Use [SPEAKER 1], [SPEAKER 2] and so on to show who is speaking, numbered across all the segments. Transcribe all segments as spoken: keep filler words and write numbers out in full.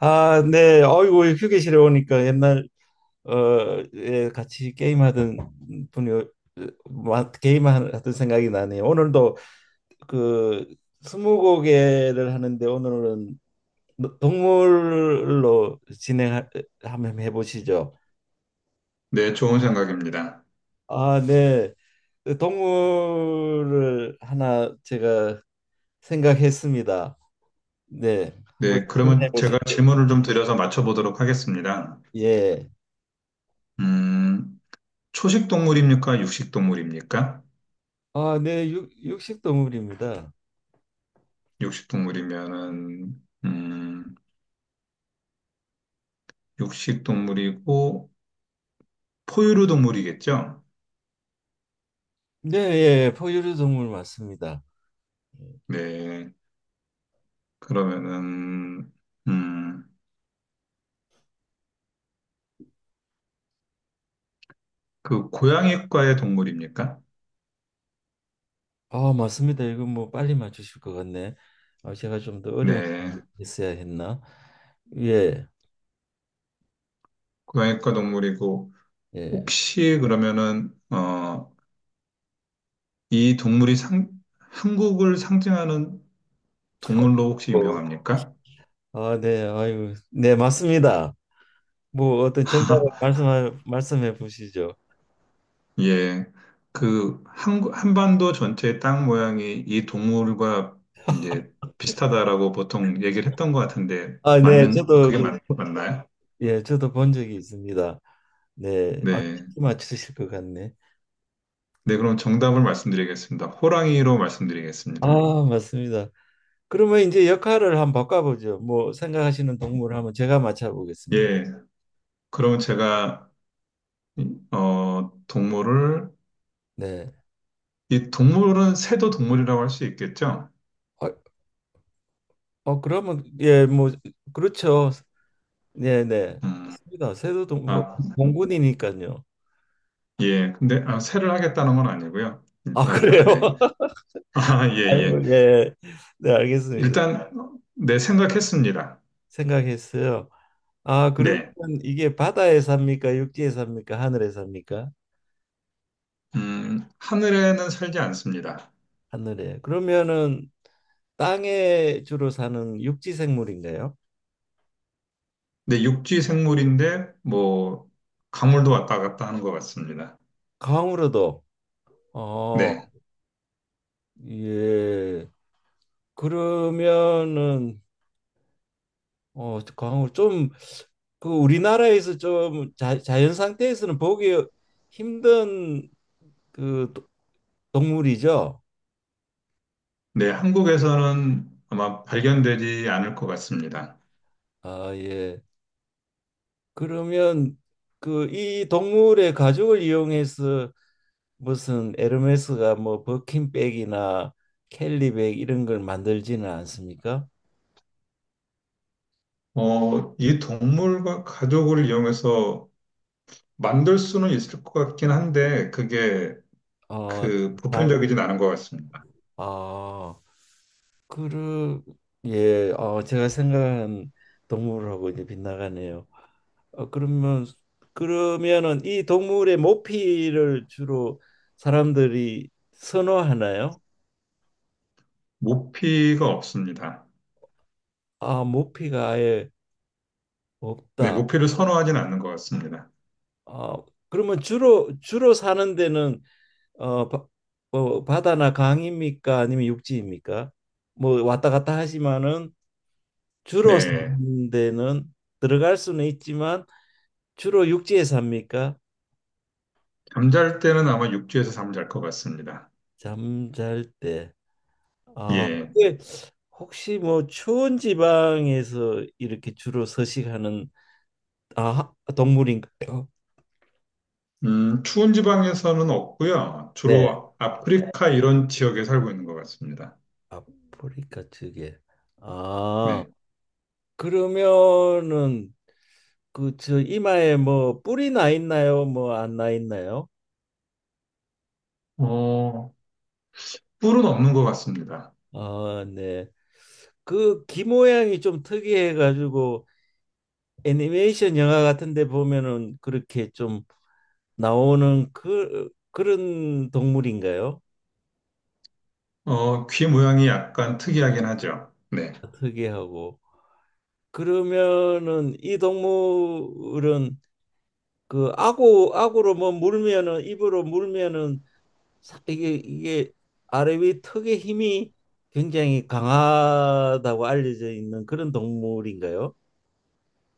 [SPEAKER 1] 아, 네. 아이고, 휴게실에 오니까 옛날 어, 예, 같이 게임하던 분이 어, 마- 게임하던 생각이 나네요. 오늘도 그 스무고개를 하는데 오늘은 동물로 진행 한번 해보시죠.
[SPEAKER 2] 네, 좋은 생각입니다.
[SPEAKER 1] 아, 네. 그 동물을 하나 제가 생각했습니다. 네. 한번
[SPEAKER 2] 네,
[SPEAKER 1] 질문해
[SPEAKER 2] 그러면 제가
[SPEAKER 1] 보시죠.
[SPEAKER 2] 질문을 좀 드려서 맞춰보도록 하겠습니다.
[SPEAKER 1] 예.
[SPEAKER 2] 음, 초식 동물입니까? 육식 동물입니까?
[SPEAKER 1] 아, 네. 육, 육식 동물입니다.
[SPEAKER 2] 육식 동물이면은, 음, 육식 동물이고, 포유류 동물이겠죠?
[SPEAKER 1] 네, 예, 예. 포유류 동물 맞습니다.
[SPEAKER 2] 네, 그러면은, 음, 그 고양이과의 동물입니까?
[SPEAKER 1] 아, 맞습니다. 이거 뭐 빨리 맞추실 것 같네. 아, 제가 좀 더 어려운 거
[SPEAKER 2] 네,
[SPEAKER 1] 했어야 했나? 예,
[SPEAKER 2] 고양이과 동물이고,
[SPEAKER 1] 예.
[SPEAKER 2] 혹시 그러면은, 어, 이 동물이 상, 한국을 상징하는 동물로 혹시
[SPEAKER 1] 어.
[SPEAKER 2] 유명합니까?
[SPEAKER 1] 아, 네, 아유, 네, 맞습니다. 뭐 어떤 정답을 말씀 말씀해 보시죠.
[SPEAKER 2] 예, 그 한, 한반도 전체의 땅 모양이 이 동물과 이제 비슷하다라고 보통 얘기를 했던 것 같은데
[SPEAKER 1] 아, 네,
[SPEAKER 2] 맞는
[SPEAKER 1] 저도
[SPEAKER 2] 그게
[SPEAKER 1] 그,
[SPEAKER 2] 네, 맞, 네네. 맞나요?
[SPEAKER 1] 예, 저도 본 적이 있습니다. 네, 아,
[SPEAKER 2] 네,
[SPEAKER 1] 쉽게 맞추실 것 같네.
[SPEAKER 2] 네 그럼 정답을 말씀드리겠습니다. 호랑이로 말씀드리겠습니다.
[SPEAKER 1] 아, 맞습니다. 그러면 이제 역할을 한번 바꿔보죠. 뭐 생각하시는 동물 한번 제가 맞춰보겠습니다.
[SPEAKER 2] 예, 그럼 제가 어 동물을
[SPEAKER 1] 네.
[SPEAKER 2] 이 동물은 새도 동물이라고 할 수 있겠죠?
[SPEAKER 1] 아, 어 그러면 예, 뭐 그렇죠. 네네,
[SPEAKER 2] 음,
[SPEAKER 1] 맞습니다. 세도동 뭐,
[SPEAKER 2] 아,
[SPEAKER 1] 공군이니까요.
[SPEAKER 2] 예, 근데 아, 새를 하겠다는 건 아니고요.
[SPEAKER 1] 아,
[SPEAKER 2] 일단
[SPEAKER 1] 그래요?
[SPEAKER 2] 네, 아, 예,
[SPEAKER 1] 아이고,
[SPEAKER 2] 예,
[SPEAKER 1] 예네. 알겠습니다.
[SPEAKER 2] 일단 어, 네 생각했습니다.
[SPEAKER 1] 생각했어요. 아, 그러면
[SPEAKER 2] 네.
[SPEAKER 1] 이게 바다에 삽니까, 육지에 삽니까, 하늘에 삽니까?
[SPEAKER 2] 음, 하늘에는 살지 않습니다.
[SPEAKER 1] 하늘에. 그러면은 땅에 주로 사는 육지 생물인가요?
[SPEAKER 2] 네, 육지 생물인데, 뭐, 강물도 왔다 갔다 하는 것 같습니다.
[SPEAKER 1] 강으로도. 어
[SPEAKER 2] 네.
[SPEAKER 1] 예. 그러면은 어, 광좀그 우리나라에서 좀 자, 자연 상태에서는 보기 힘든 그 도- 동물이죠.
[SPEAKER 2] 네, 한국에서는 아마 발견되지 않을 것 같습니다.
[SPEAKER 1] 아, 예. 그러면 그 이 동물의 가죽을 이용해서 무슨 에르메스가 뭐 버킨백이나 캘리백 이런 걸 만들지는 않습니까?
[SPEAKER 2] 어, 이 동물과 가족을 이용해서 만들 수는 있을 것 같긴 한데, 그게
[SPEAKER 1] 어,
[SPEAKER 2] 그
[SPEAKER 1] 잘,
[SPEAKER 2] 보편적이진 않은 것 같습니다.
[SPEAKER 1] 아, 그러, 예, 어, 제가 생각한 동물하고 이제 빗나가네요. 어, 그러면 그러면은 이 동물의 모피를 주로 사람들이 선호하나요?
[SPEAKER 2] 모피가 없습니다.
[SPEAKER 1] 아, 모피가 아예
[SPEAKER 2] 네,
[SPEAKER 1] 없다.
[SPEAKER 2] 모피를 선호하진 않는 것 같습니다.
[SPEAKER 1] 아, 그러면 주로 주로 사는 데는 어, 바, 어, 바다나 강입니까? 아니면 육지입니까? 뭐 왔다 갔다 하지만은 주로
[SPEAKER 2] 네.
[SPEAKER 1] 사는 데는 들어갈 수는 있지만 주로 육지에 삽니까?
[SPEAKER 2] 잠잘 때는 아마 육지에서 잠잘 것 같습니다.
[SPEAKER 1] 잠잘 때. 아,
[SPEAKER 2] 예.
[SPEAKER 1] 근데 혹시 뭐 추운 지방에서 이렇게 주로 서식하는 아, 동물인가요?
[SPEAKER 2] 음, 추운 지방에서는 없고요.
[SPEAKER 1] 네.
[SPEAKER 2] 주로 네. 아프리카 이런 지역에 살고 있는 것 같습니다.
[SPEAKER 1] 아프리카 쪽에. 아,
[SPEAKER 2] 네.
[SPEAKER 1] 그러면은 그 저 이마에 뭐 뿔이 나 있나요? 뭐 안 나 있나요?
[SPEAKER 2] 어, 뿔은 없는 것 같습니다.
[SPEAKER 1] 아, 네. 그 귀 모양이 좀 특이해 가지고 애니메이션 영화 같은 데 보면은 그렇게 좀 나오는 그 그런 동물인가요?
[SPEAKER 2] 어, 귀 모양이 약간 특이하긴 하죠. 네.
[SPEAKER 1] 특이하고. 그러면은 이 동물은 그 아구 아구로 뭐 물면은 입으로 물면은 사- 이게 이게 아래 위 턱의 힘이 굉장히 강하다고 알려져 있는 그런 동물인가요?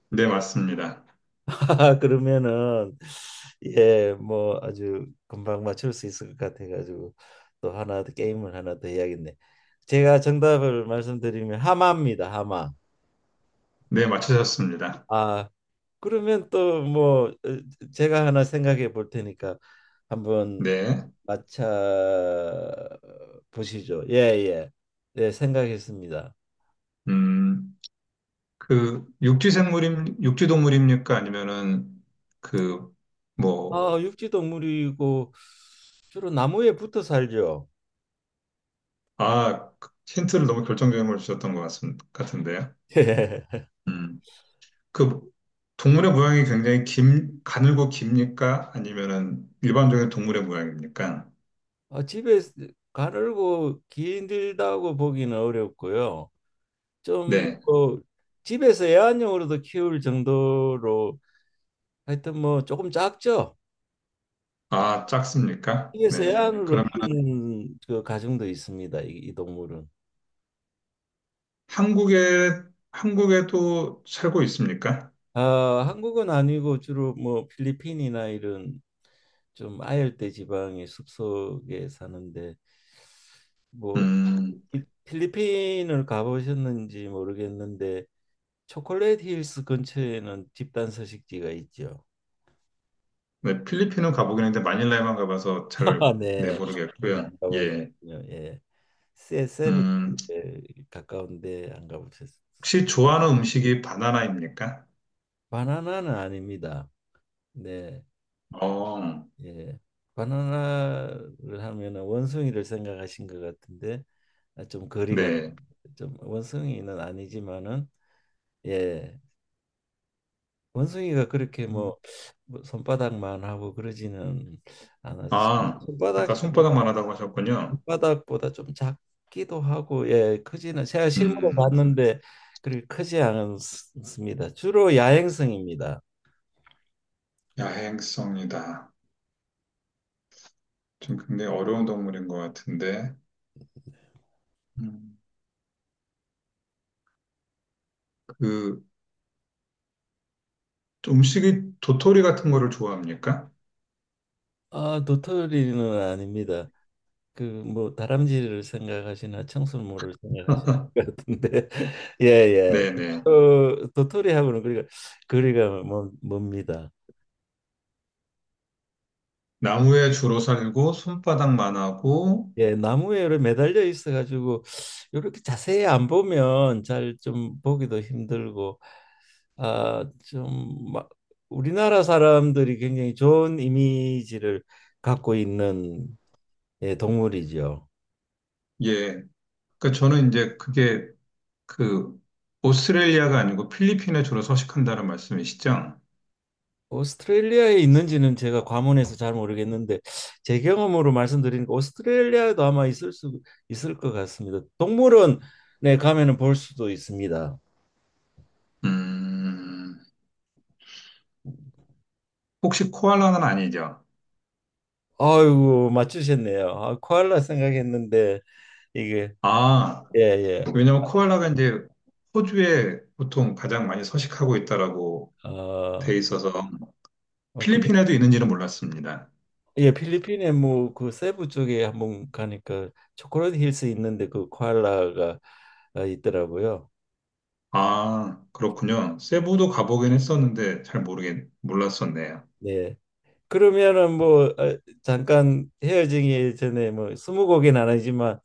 [SPEAKER 2] 네, 맞습니다.
[SPEAKER 1] 아, 그러면은 예, 뭐 아주 금방 맞출 수 있을 것 같아가지고 또 하나 더 게임을 하나 더 해야겠네. 제가 정답을 말씀드리면 하마입니다. 하마.
[SPEAKER 2] 네, 맞추셨습니다.
[SPEAKER 1] 아, 그러면 또뭐 어, 제가 하나 생각해 볼 테니까 한번
[SPEAKER 2] 네.
[SPEAKER 1] 맞춰 보시죠. 예, 예. 네, 생각했습니다.
[SPEAKER 2] 음, 그, 육지 생물임, 육지 동물입니까? 아니면은, 그, 뭐,
[SPEAKER 1] 아, 육지 동물이고 주로 나무에 붙어 살죠.
[SPEAKER 2] 아, 그 힌트를 너무 결정적인 걸 주셨던 것 같은, 같은데요.
[SPEAKER 1] 예.
[SPEAKER 2] 음. 그 동물의 모양이 굉장히 긴, 가늘고 깁니까? 아니면은 일반적인 동물의 모양입니까?
[SPEAKER 1] 아, 집에 가늘고 길다고 보기는 어렵고요. 좀
[SPEAKER 2] 네.
[SPEAKER 1] 뭐 집에서 애완용으로도 키울 정도로 하여튼 뭐 조금 작죠.
[SPEAKER 2] 아, 작습니까?
[SPEAKER 1] 그래서
[SPEAKER 2] 네.
[SPEAKER 1] 애완으로
[SPEAKER 2] 그러면
[SPEAKER 1] 키우는 그 가정도 있습니다. 이, 이 동물은.
[SPEAKER 2] 한국에, 한국에도 살고 있습니까?
[SPEAKER 1] 아, 한국은 아니고 주로 뭐 필리핀이나 이런 좀 아열대 지방의 숲속에 사는데 뭐
[SPEAKER 2] 음,
[SPEAKER 1] 이- 필리핀을 가보셨는지 모르겠는데 초콜릿 힐스 근처에는 집단 서식지가 있죠.
[SPEAKER 2] 네. 필리핀은 가보긴 했는데 마닐라에만 가봐서 잘,
[SPEAKER 1] 아, 네.
[SPEAKER 2] 네,
[SPEAKER 1] 네,
[SPEAKER 2] 모르겠고요.
[SPEAKER 1] 안
[SPEAKER 2] 예.
[SPEAKER 1] 가보셨군요. 예. 세- 세븐에
[SPEAKER 2] 음,
[SPEAKER 1] 가까운데 안 가보셨어요.
[SPEAKER 2] 혹시 좋아하는 음식이 바나나입니까?
[SPEAKER 1] 바나나는 아닙니다. 네.
[SPEAKER 2] 어,
[SPEAKER 1] 예. 바나나를 하면은 원숭이를 생각하신 것 같은데 아, 좀 거리가
[SPEAKER 2] 네.
[SPEAKER 1] 좀 원숭이는 아니지만은 예. 원숭이가 그렇게 뭐뭐 손바닥만 하고 그러지는 않아서 손-
[SPEAKER 2] 아,
[SPEAKER 1] 손바닥.
[SPEAKER 2] 아까 손바닥만 하다고 하셨군요.
[SPEAKER 1] 손바닥보다 좀 작기도 하고 예, 크지는 제가 실물로
[SPEAKER 2] 음,
[SPEAKER 1] 봤는데 그렇게 크지 않습니다. 주로 야행성입니다.
[SPEAKER 2] 야행성이다. 좀 굉장히 어려운 동물인 것 같은데, 음, 그 음식이 도토리 같은 거를 좋아합니까?
[SPEAKER 1] 아, 도토리는 아닙니다. 그 뭐 다람쥐를 생각하시나 청설모를 생각하시는 것 같은데 예예.
[SPEAKER 2] 네네.
[SPEAKER 1] 어, 도토리하고는 그리가 거리가 멉- 멉니다.
[SPEAKER 2] 나무에 주로 살고 손바닥만 하고,
[SPEAKER 1] 예, 나무에 이렇게 매달려 있어 가지고 이렇게 자세히 안 보면 잘 좀 보기도 힘들고 아좀막 우리나라 사람들이 굉장히 좋은 이미지를 갖고 있는 예, 동물이죠.
[SPEAKER 2] 예. 그러니까 저는 이제 그게 그 오스트레일리아가 아니고 필리핀에 주로 서식한다는 말씀이시죠?
[SPEAKER 1] 오스트레일리아에 있는지는 제가 과문해서 잘 모르겠는데 제 경험으로 말씀드리니까 오스트레일리아에도 아마 있을 수 있을 것 같습니다. 동물원에 가면은 볼 수도 있습니다.
[SPEAKER 2] 음, 혹시 코알라는 아니죠?
[SPEAKER 1] 아이고, 맞추셨네요. 아, 코알라 생각했는데 이게
[SPEAKER 2] 아,
[SPEAKER 1] 예예.
[SPEAKER 2] 왜냐면 코알라가 이제 호주에 보통 가장 많이 서식하고 있다라고 돼
[SPEAKER 1] 어,
[SPEAKER 2] 있어서
[SPEAKER 1] 어, 그,
[SPEAKER 2] 필리핀에도 있는지는 몰랐습니다.
[SPEAKER 1] 예. 필리핀에 뭐 그 세부 쪽에 한번 가니까 초콜릿 힐스 있는데 그 코알라가 어, 있더라고요.
[SPEAKER 2] 아, 그렇군요. 세부도 가보긴 했었는데 잘 모르겠, 몰랐었네요.
[SPEAKER 1] 네. 그러면은 뭐 어, 잠깐 헤어지기 전에 뭐 스무 곡은 아니지만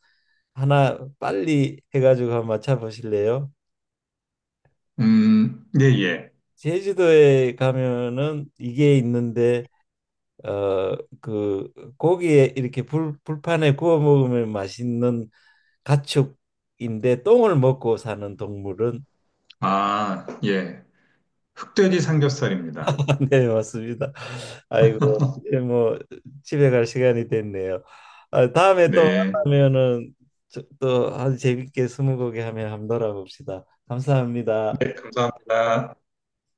[SPEAKER 1] 하나 빨리 해가지고 한번 맞춰보실래요?
[SPEAKER 2] 음, 예, 예.
[SPEAKER 1] 제주도에 가면은 이게 있는데 어 그 고기에 이렇게 불 불판에 구워 먹으면 맛있는 가축인데 똥을 먹고 사는 동물은.
[SPEAKER 2] 아, 예. 흑돼지 삼겹살입니다.
[SPEAKER 1] 네, 맞습니다. 아이고, 이제 뭐 집에 갈 시간이 됐네요. 아, 다음에 또
[SPEAKER 2] 네.
[SPEAKER 1] 만나면은 또 아주 재밌게 스무고개 하면 한번 놀아봅시다.
[SPEAKER 2] 네,
[SPEAKER 1] 감사합니다.
[SPEAKER 2] 감사합니다.